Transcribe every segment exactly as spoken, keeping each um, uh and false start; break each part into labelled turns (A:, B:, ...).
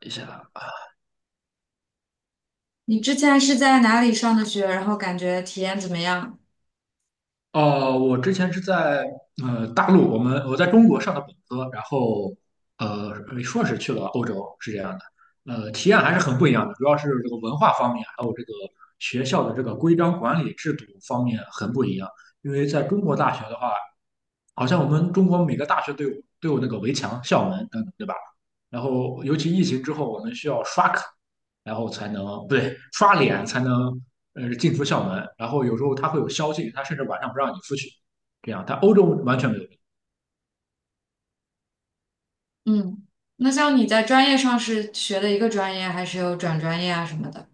A: 一下，
B: 你之前是在哪里上的学，然后感觉体验怎么样？
A: 哦，我之前是在呃大陆，我们我在中国上的本科，然后呃硕士去了欧洲，是这样的，呃，体验还是很不一样的，主要是这个文化方面，还有这个学校的这个规章管理制度方面很不一样。因为在中国大学的话，好像我们中国每个大学都有都有那个围墙、校门等等，对吧？然后尤其疫情之后，我们需要刷卡，然后才能不对刷脸才能呃进出校门。然后有时候他会有宵禁，他甚至晚上不让你出去。这样，但欧洲完全没有。
B: 嗯，那像你在专业上是学的一个专业，还是有转专业啊什么的？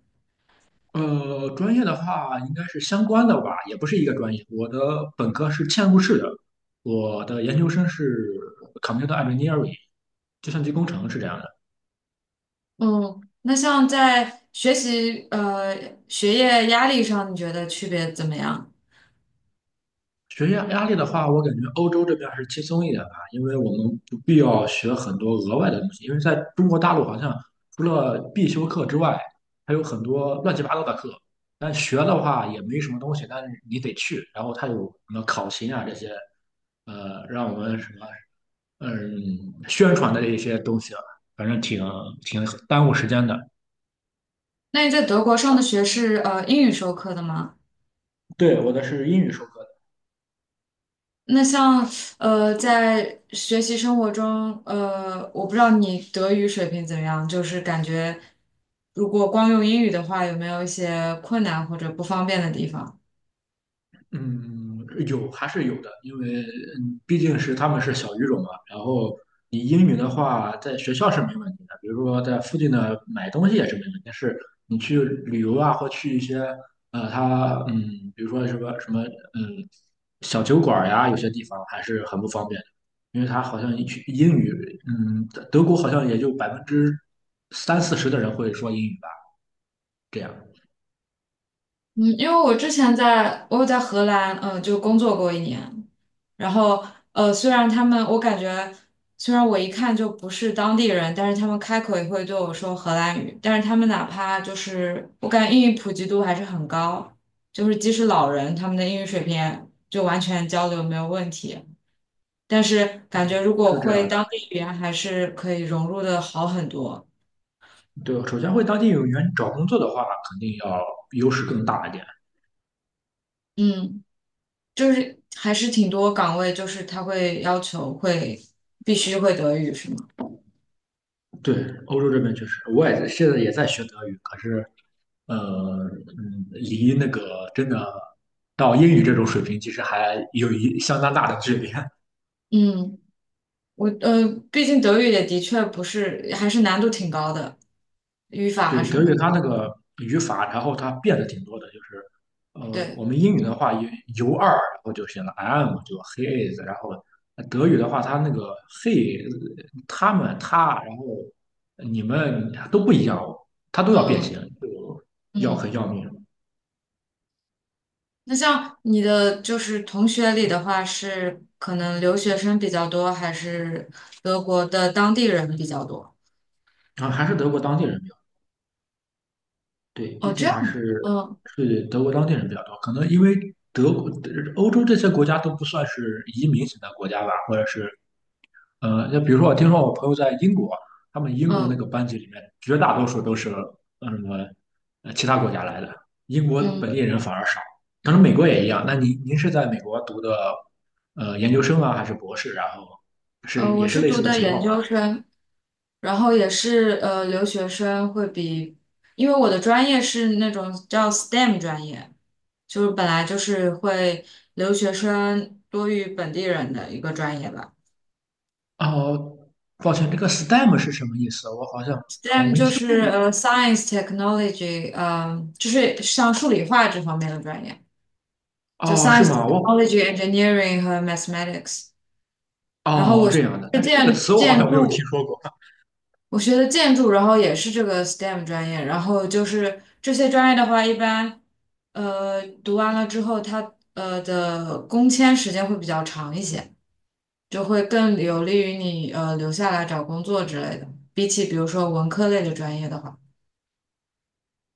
A: 呃，专业的话应该是相关的吧，也不是一个专业。我的本科是嵌入式的，我的研究生是 computer engineering，计算机工程是这样的。
B: 嗯，那像在学习呃学业压力上，你觉得区别怎么样？
A: 学业压力的话，我感觉欧洲这边还是轻松一点吧，因为我们不必要学很多额外的东西。因为在中国大陆，好像除了必修课之外，还有很多乱七八糟的课。但学的话也没什么东西，但是你得去。然后它有什么考勤啊这些，呃，让我们什么嗯宣传的一些东西啊，反正挺挺耽误时间的。
B: 那你在德国上的学是呃英语授课的吗？
A: 对，我的是英语授课，
B: 那像呃在学习生活中，呃，我不知道你德语水平怎么样，就是感觉如果光用英语的话，有没有一些困难或者不方便的地方？
A: 嗯，有还是有的，因为嗯毕竟是他们是小语种嘛。然后你英语的话，在学校是没问题的，比如说在附近的买东西也是没问题。但是你去旅游啊，或去一些呃，他嗯，比如说什么什么嗯小酒馆儿呀，有些地方还是很不方便的，因为他好像一去英语，嗯，德德国好像也就百分之三四十的人会说英语吧，这样
B: 嗯，因为我之前在我有在荷兰，嗯，就工作过一年，然后呃，虽然他们我感觉，虽然我一看就不是当地人，但是他们开口也会对我说荷兰语，但是他们哪怕就是我感觉英语普及度还是很高，就是即使老人他们的英语水平就完全交流没有问题，但是感觉如果
A: 是这
B: 会
A: 样的。
B: 当地语言还是可以融入的好很多。
A: 对，首先回当地有员找工作的话，肯定要优势更大一点。
B: 嗯。就是还是挺多岗位，就是他会要求会必须会德语，是吗？
A: 对，欧洲这边确实，我也在现在也在学德语，可是呃，嗯，离那个真的到英语这种水平，其实还有一相当大的距离。
B: 嗯，我呃，毕竟德语也的确不是，还是难度挺高的，语法啊
A: 对，
B: 什
A: 德
B: 么
A: 语
B: 的。
A: 它那个语法，然后它变的挺多的，就是呃，
B: 对，
A: 我们英语的话有 u 二，然后就写了 am,就 he is,然后德语的话，它那个 he、他们、他，然后你们都不一样哦，它都要变
B: 嗯
A: 形，就要很
B: 嗯。
A: 要命。
B: 那像你的就是同学里的话，是可能留学生比较多，还是德国的当地人比较多？
A: 然后还是德国当地人比较对，
B: 哦，
A: 毕
B: 这
A: 竟还
B: 样的，
A: 是
B: 嗯
A: 是德国当地人比较多，可能因为德国、欧洲这些国家都不算是移民型的国家吧，或者是呃，那比如说我听说我朋友在英国，他们英国那
B: 嗯
A: 个班级里面绝大多数都是呃什么呃其他国家来的，英国
B: 嗯。
A: 本地人反而少。可能美国也一样。那您您是在美国读的呃研究生啊，还是博士？然后
B: 呃，
A: 是
B: 我
A: 也是
B: 是
A: 类
B: 读
A: 似的
B: 的
A: 情
B: 研
A: 况吗？
B: 究生，然后也是呃留学生会比，因为我的专业是那种叫 S T E M 专业，就是本来就是会留学生多于本地人的一个专业吧。
A: 哦，抱歉，这个 STEM 是什么意思？我好像好像
B: S T E M
A: 没
B: 就
A: 听过。
B: 是呃 Science Technology，嗯、就是像数理化这方面的专业，就
A: 哦，是
B: Science
A: 吗？我
B: Technology Engineering 和 Mathematics。然后
A: 哦
B: 我
A: 这
B: 是
A: 样的，但是这个
B: 建
A: 词我好
B: 建
A: 像没有听
B: 筑。
A: 说过。
B: 我学的建筑，然后也是这个 S T E M 专业，然后就是这些专业的话，一般呃读完了之后，它呃的工签时间会比较长一些，就会更有利于你呃留下来找工作之类的，比起比如说文科类的专业的话。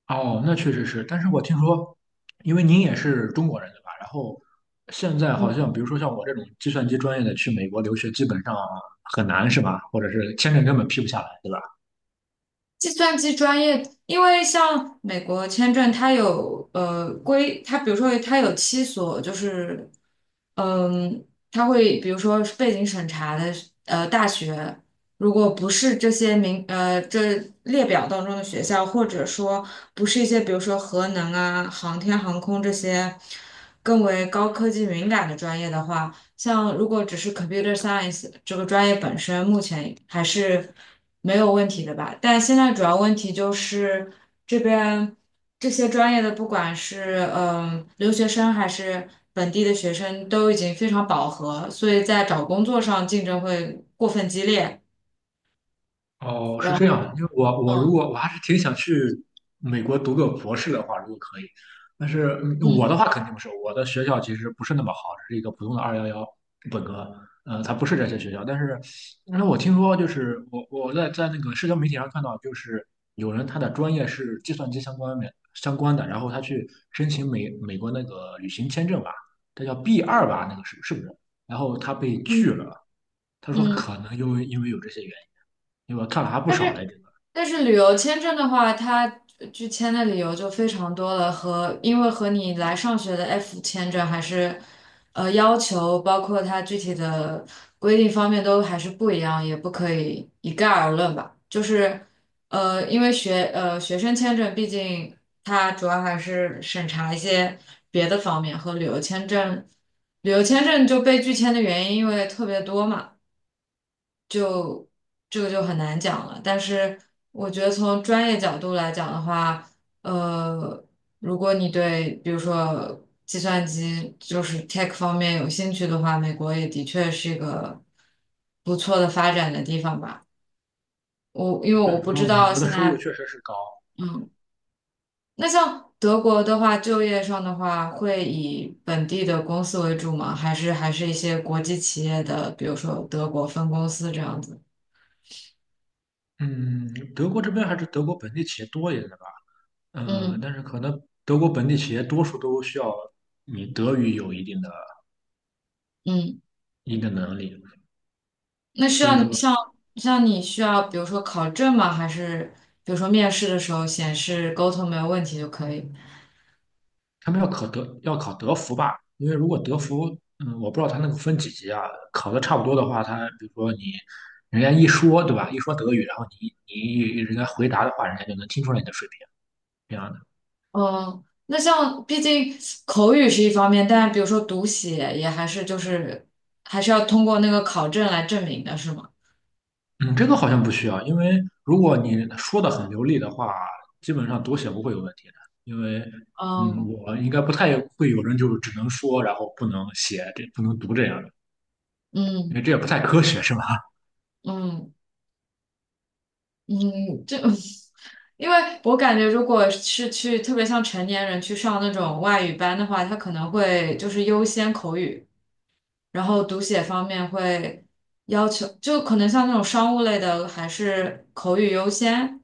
A: 哦，那确实是，但是我听说，因为您也是中国人对吧？然后现在好像，比如说像我这种计算机专业的去美国留学，基本上很难是吧？或者是签证根本批不下来，对吧？
B: 计算机专业，因为像美国签证，它有呃规，它比如说它有七所，就是嗯，它会比如说是背景审查的呃大学，如果不是这些名呃这列表当中的学校，或者说不是一些比如说核能啊、航天航空这些更为高科技敏感的专业的话。像如果只是 computer science 这个专业本身，目前还是没有问题的吧。但现在主要问题就是这边这些专业的，不管是嗯留学生还是本地的学生，都已经非常饱和，所以在找工作上竞争会过分激烈。
A: 哦，是
B: 然
A: 这
B: 后，
A: 样的因为我我如
B: 嗯
A: 果我还是挺想去美国读个博士的话，如果可以，但是嗯我的
B: 嗯
A: 话肯定不是，我的学校其实不是那么好，只是一个普通的二幺幺本科，呃，它不是这些学校。但是，那我听说就是我我在在那个社交媒体上看到，就是有人他的专业是计算机相关的相关的，然后他去申请美美国那个旅行签证吧，这叫 B 二吧，那个是是不是？然后他被拒
B: 嗯
A: 了，他说可
B: 嗯。
A: 能因为因为有这些原因。因为我看了还不
B: 但
A: 少来
B: 是
A: 着。
B: 但是旅游签证的话，它拒签的理由就非常多了，和因为和你来上学的 F 签证还是呃要求，包括它具体的规定方面都还是不一样，也不可以一概而论吧。就是呃，因为学呃学生签证，毕竟它主要还是审查一些别的方面，和旅游签证旅游签证就被拒签的原因因为特别多嘛。这个就很难讲了。但是我觉得从专业角度来讲的话，呃，如果你对比如说计算机就是 tech 方面有兴趣的话，美国也的确是一个不错的发展的地方吧。我因为
A: 对，
B: 我不
A: 主
B: 知
A: 要美
B: 道
A: 国的
B: 现
A: 收入
B: 在。
A: 确实是高。
B: 嗯，那像德国的话，就业上的话，会以本地的公司为主吗？还是还是一些国际企业的，比如说德国分公司这样子？
A: 嗯，德国这边还是德国本地企业多一点的吧。呃，
B: 嗯
A: 但是可能德国本地企业多数都需要你德语有一定的
B: 嗯。
A: 一定的能力，
B: 那需
A: 所以
B: 要你
A: 说
B: 像像你需要，比如说考证吗？还是比如说面试的时候显示沟通没有问题就可以？
A: 他们要考德要考德福吧，因为如果德福，嗯，我不知道他那个分几级啊，考的差不多的话，他比如说你人家一说对吧，一说德语，然后你你人家回答的话，人家就能听出来你的水平，这样的。
B: 嗯，那像毕竟口语是一方面，但比如说读写也还是就是还是要通过那个考证来证明的，是吗？
A: 嗯，这个好像不需要，因为如果你说的很流利的话，基本上读写不会有问题的。因为，嗯，
B: 哦，
A: 我应该不太会有人就是只能说，然后不能写，这不能读这样的，因
B: 嗯
A: 为这也不太科学，是吧？
B: 嗯嗯，这 因为我感觉，如果是去特别像成年人去上那种外语班的话，他可能会就是优先口语，然后读写方面会要求，就可能像那种商务类的，还是口语优先，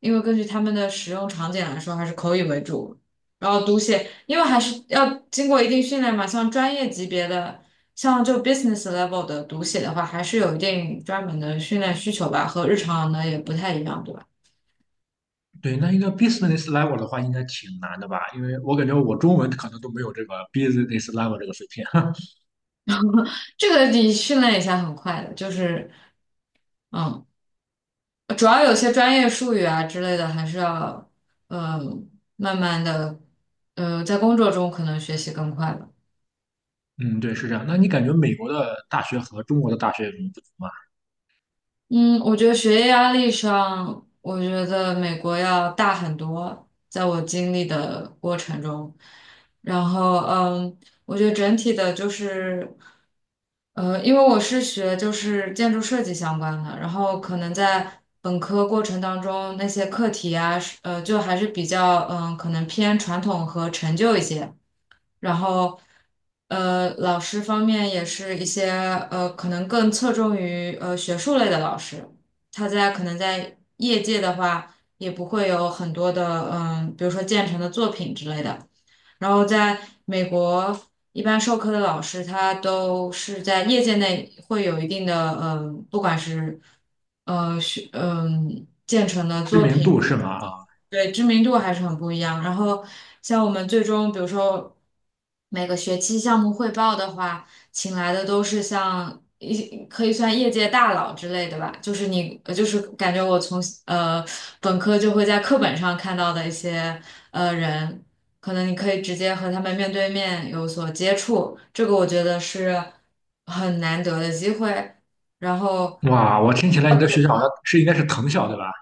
B: 因为根据他们的使用场景来说，还是口语为主。然后读写，因为还是要经过一定训练嘛，像专业级别的，像就 business level 的读写的话，还是有一定专门的训练需求吧，和日常的也不太一样，对吧？
A: 对，那一个 business level 的话，应该挺难的吧？因为我感觉我中文可能都没有这个 business level 这个水平。
B: 这个你训练一下很快的，就是。嗯。主要有些专业术语啊之类的，还是要嗯呃慢慢的，呃，在工作中可能学习更快吧。
A: 嗯，对，是这样。那你感觉美国的大学和中国的大学有什么不同吗？
B: 嗯，我觉得学业压力上，我觉得美国要大很多，在我经历的过程中，然后嗯，我觉得整体的就是，呃，因为我是学就是建筑设计相关的，然后可能在本科过程当中那些课题啊，是呃，就还是比较嗯，可能偏传统和陈旧一些。然后呃，老师方面也是一些呃，可能更侧重于呃学术类的老师，他在可能在业界的话，也不会有很多的嗯，比如说建成的作品之类的。然后在美国，一般授课的老师他都是在业界内会有一定的嗯，不管是呃学嗯建成的
A: 知
B: 作
A: 名度
B: 品。
A: 是吗？啊，
B: 对，知名度还是很不一样。然后像我们最终，比如说每个学期项目汇报的话，请来的都是像一可以算业界大佬之类的吧，就是你呃就是感觉我从呃本科就会在课本上看到的一些呃人，可能你可以直接和他们面对面有所接触，这个我觉得是很难得的机会。然后
A: 哇，我听起来你的学校好像是应该是藤校，对吧？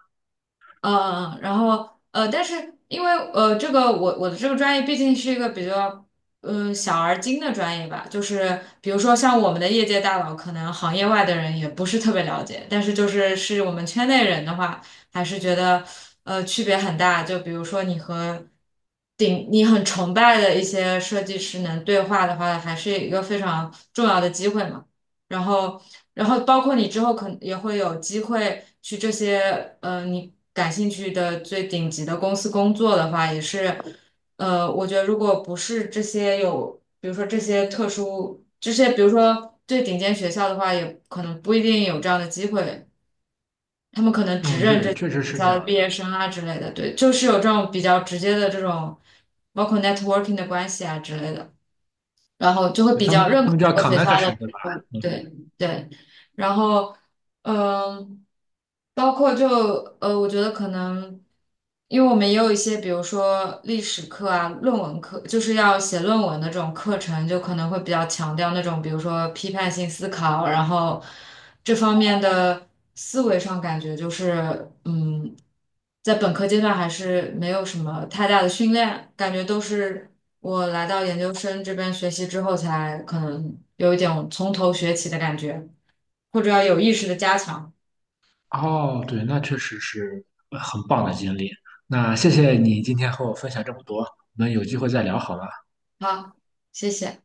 B: 嗯，呃然后呃，但是因为呃，这个我我的这个专业毕竟是一个比较嗯小而精的专业吧，就是比如说像我们的业界大佬，可能行业外的人也不是特别了解，但是就是是我们圈内人的话，还是觉得呃区别很大。就比如说你和顶你很崇拜的一些设计师能对话的话，还是一个非常重要的机会嘛。然后，然后包括你之后可能也会有机会去这些呃你感兴趣的最顶级的公司工作的话，也是呃，我觉得如果不是这些有，比如说这些特殊这些，比如说最顶尖学校的话，也可能不一定有这样的机会，他们可能只
A: 嗯，
B: 认这
A: 对，
B: 几
A: 确
B: 个
A: 实
B: 学
A: 是这
B: 校
A: 样
B: 的毕
A: 的。
B: 业生啊之类的，对，就是有这种比较直接的这种，包括 networking 的关系啊之类的。然后就会
A: 就
B: 比
A: 他
B: 较
A: 们
B: 认
A: 他
B: 可
A: 们
B: 这
A: 叫
B: 个学校的，
A: Connection
B: 比
A: 对
B: 如
A: 吧？
B: 说
A: 嗯，
B: 对对，然后嗯，包括就呃，我觉得可能，因为我们也有一些，比如说历史课啊、论文课，就是要写论文的这种课程，就可能会比较强调那种，比如说批判性思考，然后这方面的思维上感觉就是，嗯，在本科阶段还是没有什么太大的训练，感觉都是我来到研究生这边学习之后才可能有一点从头学起的感觉。或者要有意识的加强。
A: 哦，对，那确实是呃很棒的经历。那谢谢你今天和我分享这么多，我们有机会再聊好吗？
B: 好，谢谢。